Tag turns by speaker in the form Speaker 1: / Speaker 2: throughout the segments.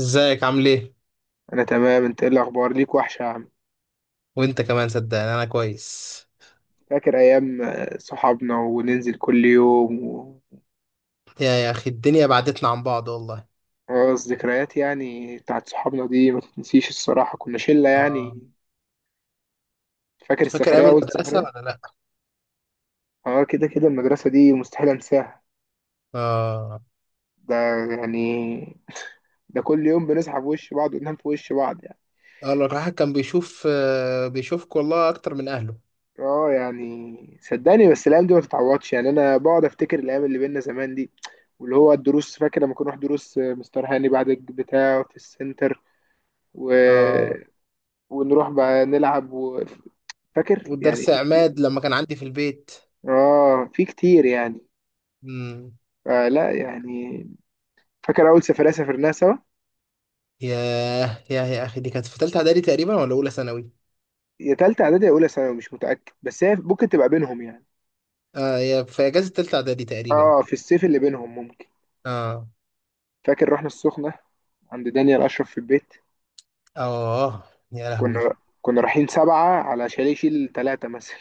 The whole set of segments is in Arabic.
Speaker 1: ازيك عامل ايه؟
Speaker 2: انا تمام. انت ايه الاخبار؟ ليك وحشه يا عم.
Speaker 1: وانت كمان، صدقني انا كويس.
Speaker 2: فاكر ايام صحابنا وننزل كل يوم
Speaker 1: يا اخي الدنيا بعدتنا عن بعض والله.
Speaker 2: خلاص، ذكريات يعني بتاعت صحابنا دي ما تتنسيش الصراحه، كنا شله
Speaker 1: اه.
Speaker 2: يعني. فاكر
Speaker 1: فاكر ايام
Speaker 2: السفريه، اول
Speaker 1: المدرسه
Speaker 2: سفريه؟
Speaker 1: ولا لا؟
Speaker 2: اه، كده كده المدرسه دي مستحيل انساها.
Speaker 1: اه،
Speaker 2: ده يعني، ده كل يوم بنصحى في وش بعض وننام في وش بعض يعني.
Speaker 1: اه. لو الواحد كان بيشوف، بيشوفك والله اكتر من اهله.
Speaker 2: اه يعني، صدقني بس الايام دي ما تتعوضش يعني، انا بقعد افتكر الايام اللي بينا زمان دي. واللي هو الدروس، فاكر لما كنا نروح دروس مستر هاني بعد بتاعه في السنتر.
Speaker 1: اه.
Speaker 2: ونروح بقى نلعب فاكر يعني،
Speaker 1: والدرس
Speaker 2: في كتير.
Speaker 1: عماد لما كان عندي في البيت.
Speaker 2: اه، في كتير يعني.
Speaker 1: امم.
Speaker 2: لا يعني. فاكر اول سفرية سافرناها سوا؟
Speaker 1: ياه، يا اخي دي كانت في تالتة اعدادي تقريبا، ولا اولى ثانوي؟
Speaker 2: يا تالتة اعدادي يا اولى ثانوي، مش متأكد بس هي ممكن تبقى بينهم يعني.
Speaker 1: اه، يا في اجازه تالتة اعدادي تقريبا.
Speaker 2: اه، في الصيف اللي بينهم ممكن.
Speaker 1: اه.
Speaker 2: فاكر رحنا السخنة، عند دانيال اشرف في البيت.
Speaker 1: اه يا لهوي.
Speaker 2: كنا كنا رايحين 7 على شاليه يشيل 3 مثلا.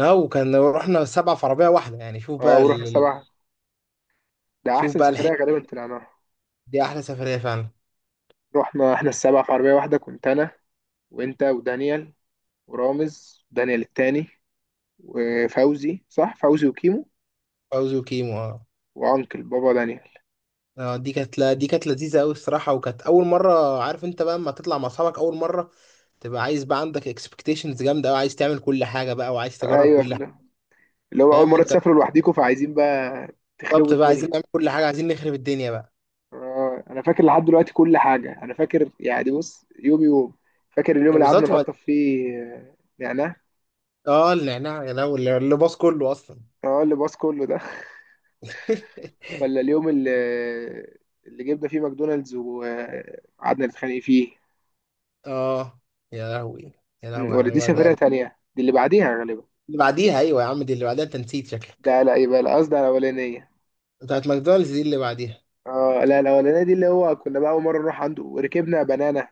Speaker 1: اه، وكان رحنا 7 في عربية واحدة، يعني شوف
Speaker 2: اه،
Speaker 1: بقى
Speaker 2: ورحنا 7. ده
Speaker 1: شوف
Speaker 2: احسن
Speaker 1: بقى،
Speaker 2: سفرية غالبا طلعناها.
Speaker 1: دي احلى سفريه فعلا.
Speaker 2: رحنا احنا السبعة في عربية واحدة، كنت انا وانت ودانيال ورامز، دانيال التاني، وفوزي، صح، فوزي وكيمو
Speaker 1: فوزي وكيمو، اه.
Speaker 2: وانكل بابا دانيال.
Speaker 1: دي كانت، لا دي كانت لذيذه قوي الصراحه، وكانت اول مره. عارف انت بقى اما تطلع مع اصحابك اول مره، تبقى عايز بقى عندك اكسبكتيشنز جامده قوي، عايز تعمل كل حاجه بقى وعايز تجرب
Speaker 2: ايوه،
Speaker 1: كل حاجه.
Speaker 2: اللي هو اول
Speaker 1: فاهم
Speaker 2: مره
Speaker 1: انت؟
Speaker 2: تسافروا لوحديكم فعايزين بقى تخربوا
Speaker 1: بالظبط بقى، عايزين
Speaker 2: الدنيا.
Speaker 1: نعمل كل حاجه، عايزين نخرب الدنيا بقى.
Speaker 2: انا فاكر لحد دلوقتي كل حاجه، انا فاكر يعني، بص يوم يوم. فاكر اليوم
Speaker 1: لا،
Speaker 2: اللي قعدنا
Speaker 1: بالظبط
Speaker 2: نقطف فيه نعناع.
Speaker 1: اه، النعناع يا لهوي اللي باظ كله اصلا.
Speaker 2: اه، اللي باص كله ده. ولا اليوم اللي جبنا فيه ماكدونالدز وقعدنا نتخانق فيه.
Speaker 1: اه، يا لهوي. يا لهوي
Speaker 2: ولا
Speaker 1: على
Speaker 2: دي
Speaker 1: ما
Speaker 2: سفرية
Speaker 1: ده.
Speaker 2: تانية، دي اللي بعديها غالبا.
Speaker 1: اللي بعديها، ايوه يا عم، دي اللي بعديها انت نسيت شكلك.
Speaker 2: ده لا، يبقى القصد على الأولانية.
Speaker 1: بتاعت ماكدونالدز دي اللي بعديها.
Speaker 2: اه لا، الاولانيه دي اللي هو كنا بقى اول مره نروح عنده، ركبنا بنانا.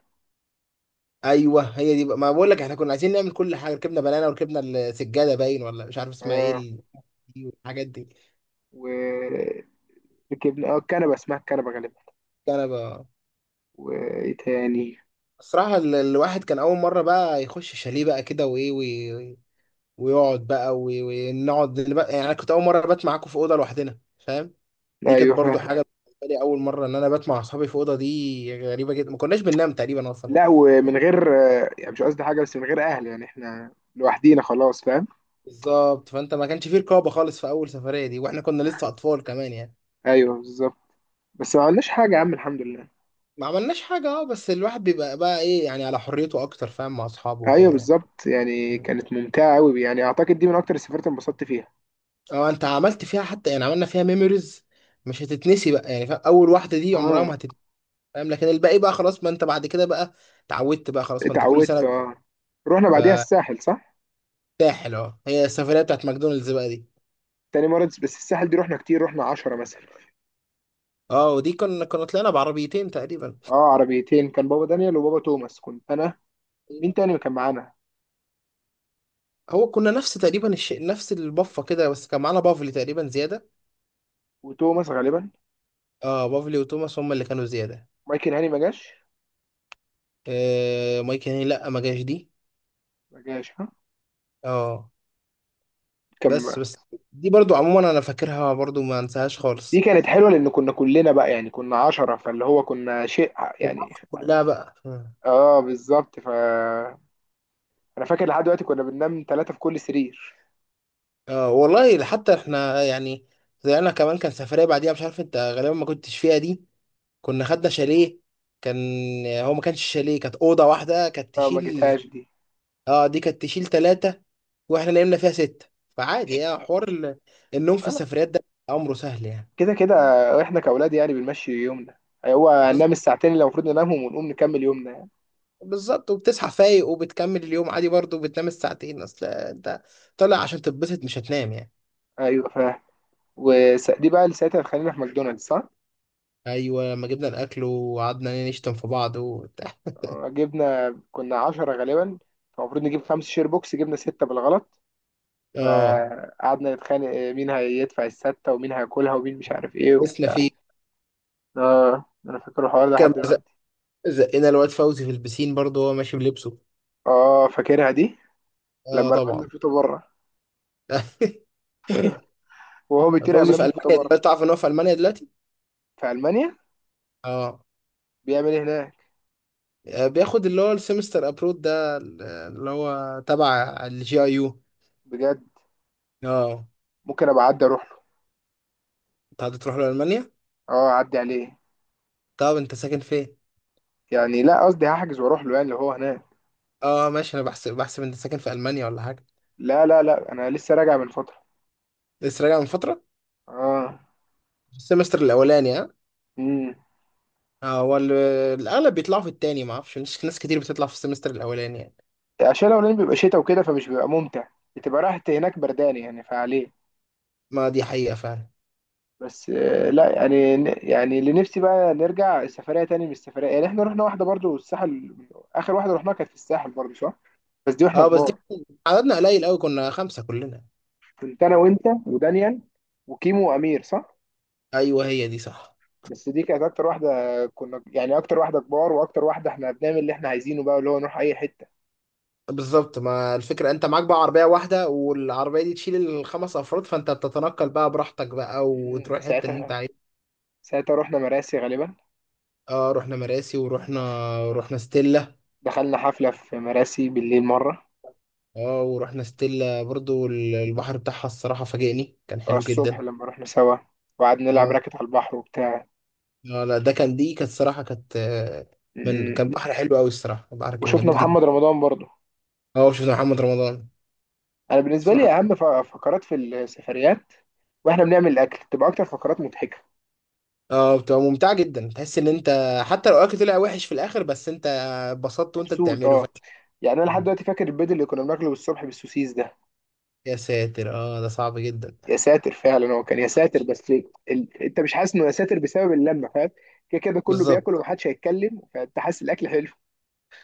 Speaker 1: ايوه هي دي بقى، ما بقول لك احنا كنا عايزين نعمل كل حاجه. ركبنا بنانا وركبنا السجاده، باين، ولا مش عارف اسمها ايه
Speaker 2: اه،
Speaker 1: دي والحاجات دي.
Speaker 2: وركبنا اه الكنبه، اسمها الكنبه غالبا.
Speaker 1: كان بقى،
Speaker 2: وايه تاني؟
Speaker 1: الصراحه الواحد كان اول مره بقى يخش شاليه بقى كده، وايه ويقعد بقى ونقعد يعني انا كنت اول مره بات معاكم في اوضه لوحدنا. فاهم؟ دي كانت
Speaker 2: ايوه
Speaker 1: برضو
Speaker 2: فاهم.
Speaker 1: حاجه بالنسبه لي، اول مره ان انا بات مع اصحابي في اوضه. دي غريبه جدا، ما كناش بننام تقريبا اصلا.
Speaker 2: لا، ومن غير يعني مش قصدي حاجه بس من غير اهل، يعني احنا لوحدينا خلاص، فاهم.
Speaker 1: بالظبط. فانت ما كانش فيه رقابه خالص في اول سفريه دي، واحنا كنا لسه اطفال كمان يعني.
Speaker 2: ايوه بالظبط. بس ما عملناش حاجه يا عم، الحمد لله.
Speaker 1: ما عملناش حاجة، اه بس الواحد بيبقى بقى ايه، يعني على حريته اكتر، فاهم، مع اصحابه
Speaker 2: ايوه
Speaker 1: وكده يعني.
Speaker 2: بالظبط، يعني
Speaker 1: مم.
Speaker 2: كانت ممتعه قوي، يعني اعتقد دي من اكتر السفرات اللي انبسطت فيها.
Speaker 1: اه، انت عملت فيها حتى، يعني عملنا فيها ميموريز، مش هتتنسي بقى يعني. فاهم؟ اول واحدة دي عمرها
Speaker 2: اه،
Speaker 1: ما هتتنسي. فاهم؟ لكن الباقي بقى خلاص، ما انت بعد كده بقى، اتعودت بقى خلاص، ما انت كل
Speaker 2: اتعودت
Speaker 1: سنة.
Speaker 2: اه. رحنا بعديها الساحل، صح؟
Speaker 1: ساحل، اه، هي السفرية بتاعت ماكدونالدز بقى دي.
Speaker 2: تاني مرة، بس الساحل دي رحنا كتير، رحنا 10 مثلا.
Speaker 1: اه، ودي كنا طلعنا بعربيتين تقريبا.
Speaker 2: اه، عربيتين. كان بابا دانيال وبابا توماس، كنت انا. مين تاني كان معانا؟
Speaker 1: هو كنا نفس تقريبا الشيء، نفس البفة كده، بس كان معانا بافلي تقريبا زيادة.
Speaker 2: وتوماس غالبا.
Speaker 1: اه، بافلي وتوماس هم اللي كانوا زيادة.
Speaker 2: مايكل هاني ما جاش؟
Speaker 1: آه مايك هاني، لا ما جاش دي.
Speaker 2: ما جاش، ها.
Speaker 1: اه. بس
Speaker 2: كان،
Speaker 1: بس دي برضو عموما انا فاكرها برضو، ما انساهاش
Speaker 2: دي
Speaker 1: خالص.
Speaker 2: كانت حلوه لان كنا كلنا بقى يعني كنا 10 فاللي هو كنا شيء يعني.
Speaker 1: المواقف كلها بقى.
Speaker 2: اه بالظبط ف، انا فاكر لحد دلوقتي كنا بننام 3 في كل سرير.
Speaker 1: والله، حتى احنا يعني، طلعنا كمان، كان سفرية بعديها مش عارف انت غالبا ما كنتش فيها دي. كنا خدنا شاليه، كان، هو ما كانش شاليه، كانت أوضة واحدة، كانت
Speaker 2: فما
Speaker 1: تشيل.
Speaker 2: جيتهاش دي.
Speaker 1: اه، دي كانت تشيل 3، واحنا نمنا فيها 6. فعادي يعني، حوار النوم في
Speaker 2: فلا،
Speaker 1: السفريات ده، أمره سهل يعني.
Speaker 2: كده كده احنا كاولاد يعني بنمشي يومنا، هو
Speaker 1: بز-
Speaker 2: هننام الساعتين اللي المفروض ننامهم ونقوم نكمل يومنا.
Speaker 1: بالظبط، وبتصحى فايق وبتكمل اليوم عادي، برضو بتنام الساعتين، اصل انت طالع عشان تتبسط، مش هتنام يعني.
Speaker 2: ايوه فاهم. ودي بقى اللي ساعتها خلينا في ماكدونالدز، صح؟
Speaker 1: ايوه، لما جبنا الاكل وقعدنا نشتم في بعض
Speaker 2: جبنا كنا 10 غالبا، فالمفروض نجيب 5 شير بوكس، جبنا 6 بالغلط.
Speaker 1: اه،
Speaker 2: فقعدنا نتخانق مين هيدفع الستة ومين هياكلها ومين مش عارف ايه
Speaker 1: لبسنا
Speaker 2: وبتاع.
Speaker 1: فيه.
Speaker 2: اه، انا فاكر الحوار ده لحد
Speaker 1: كان
Speaker 2: دلوقتي.
Speaker 1: زقنا الواد فوزي في البسين برضه وهو ماشي بلبسه.
Speaker 2: اه، فاكرها دي،
Speaker 1: اه
Speaker 2: لما رمانا
Speaker 1: طبعا.
Speaker 2: الفوطة بره، وهو بيطير قام
Speaker 1: فوزي
Speaker 2: رامي
Speaker 1: في
Speaker 2: الفوطة
Speaker 1: المانيا
Speaker 2: بره.
Speaker 1: دلوقتي، تعرف ان هو في المانيا دلوقتي؟
Speaker 2: في ألمانيا؟
Speaker 1: اه.
Speaker 2: بيعمل ايه هناك؟
Speaker 1: بياخد اللي هو السمستر ابرود ده، اللي هو تبع الجي اي يو.
Speaker 2: بجد؟
Speaker 1: اه.
Speaker 2: ممكن ابقى اعدي اروح له.
Speaker 1: انت هتروح له المانيا؟
Speaker 2: اه اعدي عليه.
Speaker 1: طب انت ساكن فين؟
Speaker 2: يعني لا، قصدي هحجز واروح له يعني اللي هو هناك.
Speaker 1: اه ماشي، انا بحسب انت ساكن في المانيا ولا حاجه.
Speaker 2: لا لا لا، انا لسه راجع من فترة.
Speaker 1: لسه راجع من فتره.
Speaker 2: اه.
Speaker 1: السمستر الاولاني.
Speaker 2: امم
Speaker 1: هو الأغلب بيطلعوا في التاني، ما أعرفش، مش ناس كتير بتطلع في السمستر الأولاني يعني.
Speaker 2: عشان الاولاني بيبقى شتاء وكده فمش بيبقى ممتع، بتبقى راحة هناك بردان يعني فعليه.
Speaker 1: ما دي حقيقة فعلا.
Speaker 2: بس لا يعني، يعني اللي نفسي بقى نرجع سفرية تاني من السفرية، يعني احنا رحنا واحدة برضو الساحل. آخر واحدة رحناها كانت في الساحل برضو، صح؟ بس دي واحنا
Speaker 1: أه بس
Speaker 2: كبار.
Speaker 1: دي، عددنا قليل أوي، كنا 5 كلنا.
Speaker 2: كنت أنا وأنت ودانيال وكيمو وأمير، صح؟
Speaker 1: أيوه، هي دي صح.
Speaker 2: بس دي كانت أكتر واحدة كنا يعني، أكتر واحدة كبار وأكتر واحدة احنا بنعمل اللي احنا عايزينه بقى، اللي هو نروح أي حتة.
Speaker 1: بالظبط، ما الفكرة أنت معاك بقى عربية واحدة، والعربية دي تشيل الخمس أفراد، فأنت بتتنقل بقى براحتك بقى،
Speaker 2: مم،
Speaker 1: وتروح الحتة اللي أنت
Speaker 2: ساعتها
Speaker 1: عايزها.
Speaker 2: ساعتها رحنا مراسي غالبا.
Speaker 1: أه، رحنا مراسي، ورحنا، رحنا ستيلا.
Speaker 2: دخلنا حفلة في مراسي بالليل مرة.
Speaker 1: أه، ورحنا ستيلا برضو، البحر بتاعها الصراحة فاجئني، كان حلو
Speaker 2: الصبح
Speaker 1: جدا.
Speaker 2: لما رحنا سوا، وقعدنا نلعب
Speaker 1: آه،
Speaker 2: راكت على البحر وبتاع.
Speaker 1: اه لا، ده كان، دي كانت صراحة كانت من
Speaker 2: مم.
Speaker 1: كان بحر حلو قوي. الصراحة البحر كان
Speaker 2: وشفنا
Speaker 1: جميل جدا.
Speaker 2: محمد رمضان برضه.
Speaker 1: اه، شفت محمد رمضان.
Speaker 2: انا
Speaker 1: بس
Speaker 2: بالنسبه لي
Speaker 1: محمد،
Speaker 2: اهم فقرات في السفريات، واحنا بنعمل الاكل تبقى اكتر فقرات مضحكه.
Speaker 1: اه، بتبقى ممتعة جدا، تحس ان انت، حتى لو الاكل طلع وحش في الاخر، بس انت اتبسطت وانت
Speaker 2: مبسوط
Speaker 1: بتعمله
Speaker 2: اه، يعني انا لحد دلوقتي فاكر البيض اللي كنا بناكله الصبح بالسوسيس ده.
Speaker 1: يا ساتر. اه ده صعب جدا.
Speaker 2: يا ساتر فعلا، هو كان يا ساتر بس ليه؟ انت مش حاسس انه يا ساتر بسبب اللمه، فاهم. كده كده كله
Speaker 1: بالظبط.
Speaker 2: بياكل ومحدش هيتكلم، فانت حاسس الاكل حلو.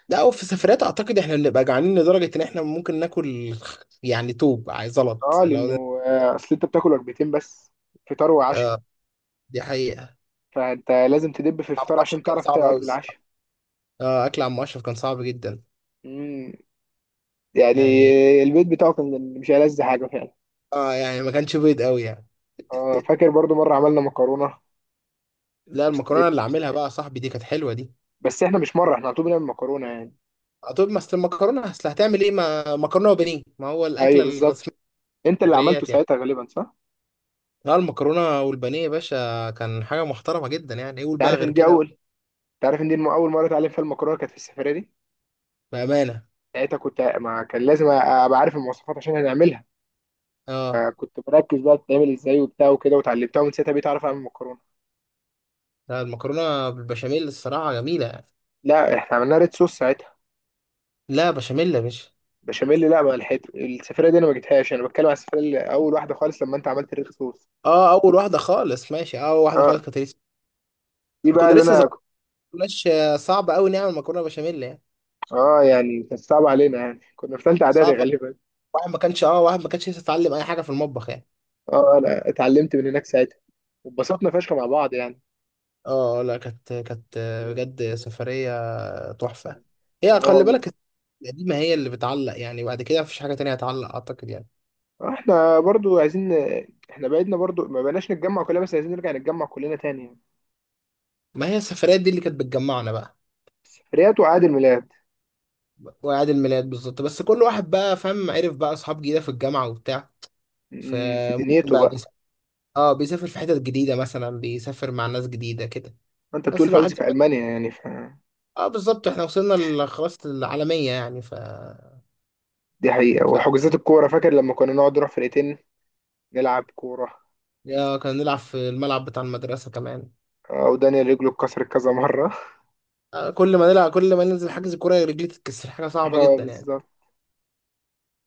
Speaker 1: لا، وفي السفرات اعتقد احنا بنبقى جعانين لدرجة ان احنا ممكن ناكل، يعني توب، عايز زلط
Speaker 2: اه
Speaker 1: لو
Speaker 2: لانه
Speaker 1: ده.
Speaker 2: اصل انت بتاكل وجبتين بس، فطار وعشاء.
Speaker 1: اه. دي حقيقة.
Speaker 2: فانت لازم تدب في
Speaker 1: عم
Speaker 2: الفطار عشان
Speaker 1: اشرف كان
Speaker 2: تعرف
Speaker 1: صعب قوي
Speaker 2: تقعد
Speaker 1: الصراحة.
Speaker 2: للعشاء.
Speaker 1: اه، اكل عم اشرف كان صعب جدا.
Speaker 2: مم. يعني
Speaker 1: يعني،
Speaker 2: البيت بتاعه كان مش ألذ حاجه فعلا.
Speaker 1: اه يعني ما كانش بيض قوي يعني.
Speaker 2: فاكر برضو مره عملنا مكرونه
Speaker 1: لا، المكرونه اللي
Speaker 2: وستريبس.
Speaker 1: عاملها بقى يا صاحبي دي كانت حلوه دي.
Speaker 2: بس احنا مش مره، احنا على طول بنعمل مكرونه يعني.
Speaker 1: طب ما أصل المكرونه، اصل هتعمل ايه، ما مكرونه وبانيه ما هو
Speaker 2: ايوه
Speaker 1: الاكله
Speaker 2: بالظبط.
Speaker 1: الرسميه
Speaker 2: انت
Speaker 1: في
Speaker 2: اللي عملته
Speaker 1: السفريات يعني.
Speaker 2: ساعتها غالبا، صح؟
Speaker 1: لا، المكرونه والبانيه يا باشا كان حاجه محترمه جدا يعني، ايه قول
Speaker 2: انت
Speaker 1: بقى
Speaker 2: عارف
Speaker 1: غير
Speaker 2: ان دي
Speaker 1: كده.
Speaker 2: اول، انت عارف ان دي اول مره اتعلم فيها المكرونه كانت في السفريه دي.
Speaker 1: بامانه.
Speaker 2: ساعتها كنت، ما كان لازم ابقى عارف المواصفات عشان هنعملها.
Speaker 1: اه
Speaker 2: فكنت مركز بقى بتتعمل ازاي وبتاع وكده، وتعلمتها ومن ساعتها بقيت اعرف اعمل مكرونه.
Speaker 1: لا، المكرونه بالبشاميل الصراحه جميله يعني.
Speaker 2: لا، احنا عملنا ريد صوص ساعتها.
Speaker 1: لا بشاميل يا باشا.
Speaker 2: بشاميل؟ لا، ما لحقت السفرية دي، انا ما جبتهاش، انا بتكلم على السفرية اللي اول واحدة خالص لما انت عملت ريخ صوص.
Speaker 1: اه، اول واحده خالص، ماشي، اه اول واحده
Speaker 2: اه،
Speaker 1: خالص كانت لسه.
Speaker 2: دي بقى
Speaker 1: كنا
Speaker 2: اللي
Speaker 1: لسه صغيرين،
Speaker 2: انا كنت.
Speaker 1: ما كناش صعب قوي نعمل مكرونه بشاميل يعني.
Speaker 2: اه يعني، كانت صعبة علينا يعني كنا في ثالثة اعدادي
Speaker 1: صعب.
Speaker 2: غالبا.
Speaker 1: واحد ما كانش لسه اتعلم اي حاجه في المطبخ يعني.
Speaker 2: اه، انا اتعلمت من هناك ساعتها، واتبسطنا فشخ مع بعض يعني.
Speaker 1: اه لا، كانت بجد سفريه تحفة. هي خلي
Speaker 2: اه،
Speaker 1: بالك، القديمة هي اللي بتعلق يعني، بعد كده مفيش حاجة تانية هتعلق، أعتقد يعني.
Speaker 2: احنا برضو عايزين، احنا بعدنا برضو ما بقناش نتجمع كلنا، بس عايزين نرجع نتجمع كلنا تاني يعني.
Speaker 1: ما هي السفريات دي اللي كانت بتجمعنا بقى،
Speaker 2: سفريات وعيد الميلاد.
Speaker 1: وأعياد الميلاد. بالظبط، بس كل واحد بقى، فاهم، عرف بقى أصحاب جديدة في الجامعة وبتاع،
Speaker 2: في
Speaker 1: فممكن
Speaker 2: دنيته
Speaker 1: بقى
Speaker 2: بقى.
Speaker 1: بيسافر، اه بيسافر في حتت جديدة مثلا، بيسافر مع ناس جديدة كده.
Speaker 2: انت بتقول
Speaker 1: بس الواحد،
Speaker 2: فوزي في المانيا يعني ف،
Speaker 1: اه بالظبط، احنا وصلنا خلاص للعالمية يعني
Speaker 2: دي حقيقة.
Speaker 1: ف...
Speaker 2: وحجوزات الكورة، فاكر لما كنا نقعد نروح فرقتين نلعب كورة.
Speaker 1: آه كنا نلعب في الملعب بتاع المدرسة كمان.
Speaker 2: ودانيال رجله اتكسرت كذا مرة
Speaker 1: آه، كل ما نلعب، كل ما ننزل حجز كورة رجلي تتكسر، حاجة صعبة
Speaker 2: اه
Speaker 1: جدا يعني.
Speaker 2: بالظبط.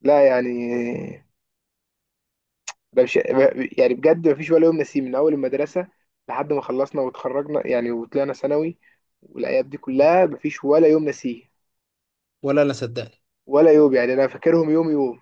Speaker 2: لا يعني، ده مش، يعني بجد مفيش ولا يوم نسيه من أول المدرسة لحد ما خلصنا واتخرجنا يعني، وطلعنا ثانوي. والأيام دي كلها مفيش ولا يوم نسيه،
Speaker 1: ولا أنا صدقت.
Speaker 2: ولا يوم، يعني أنا فاكرهم يوم يوم.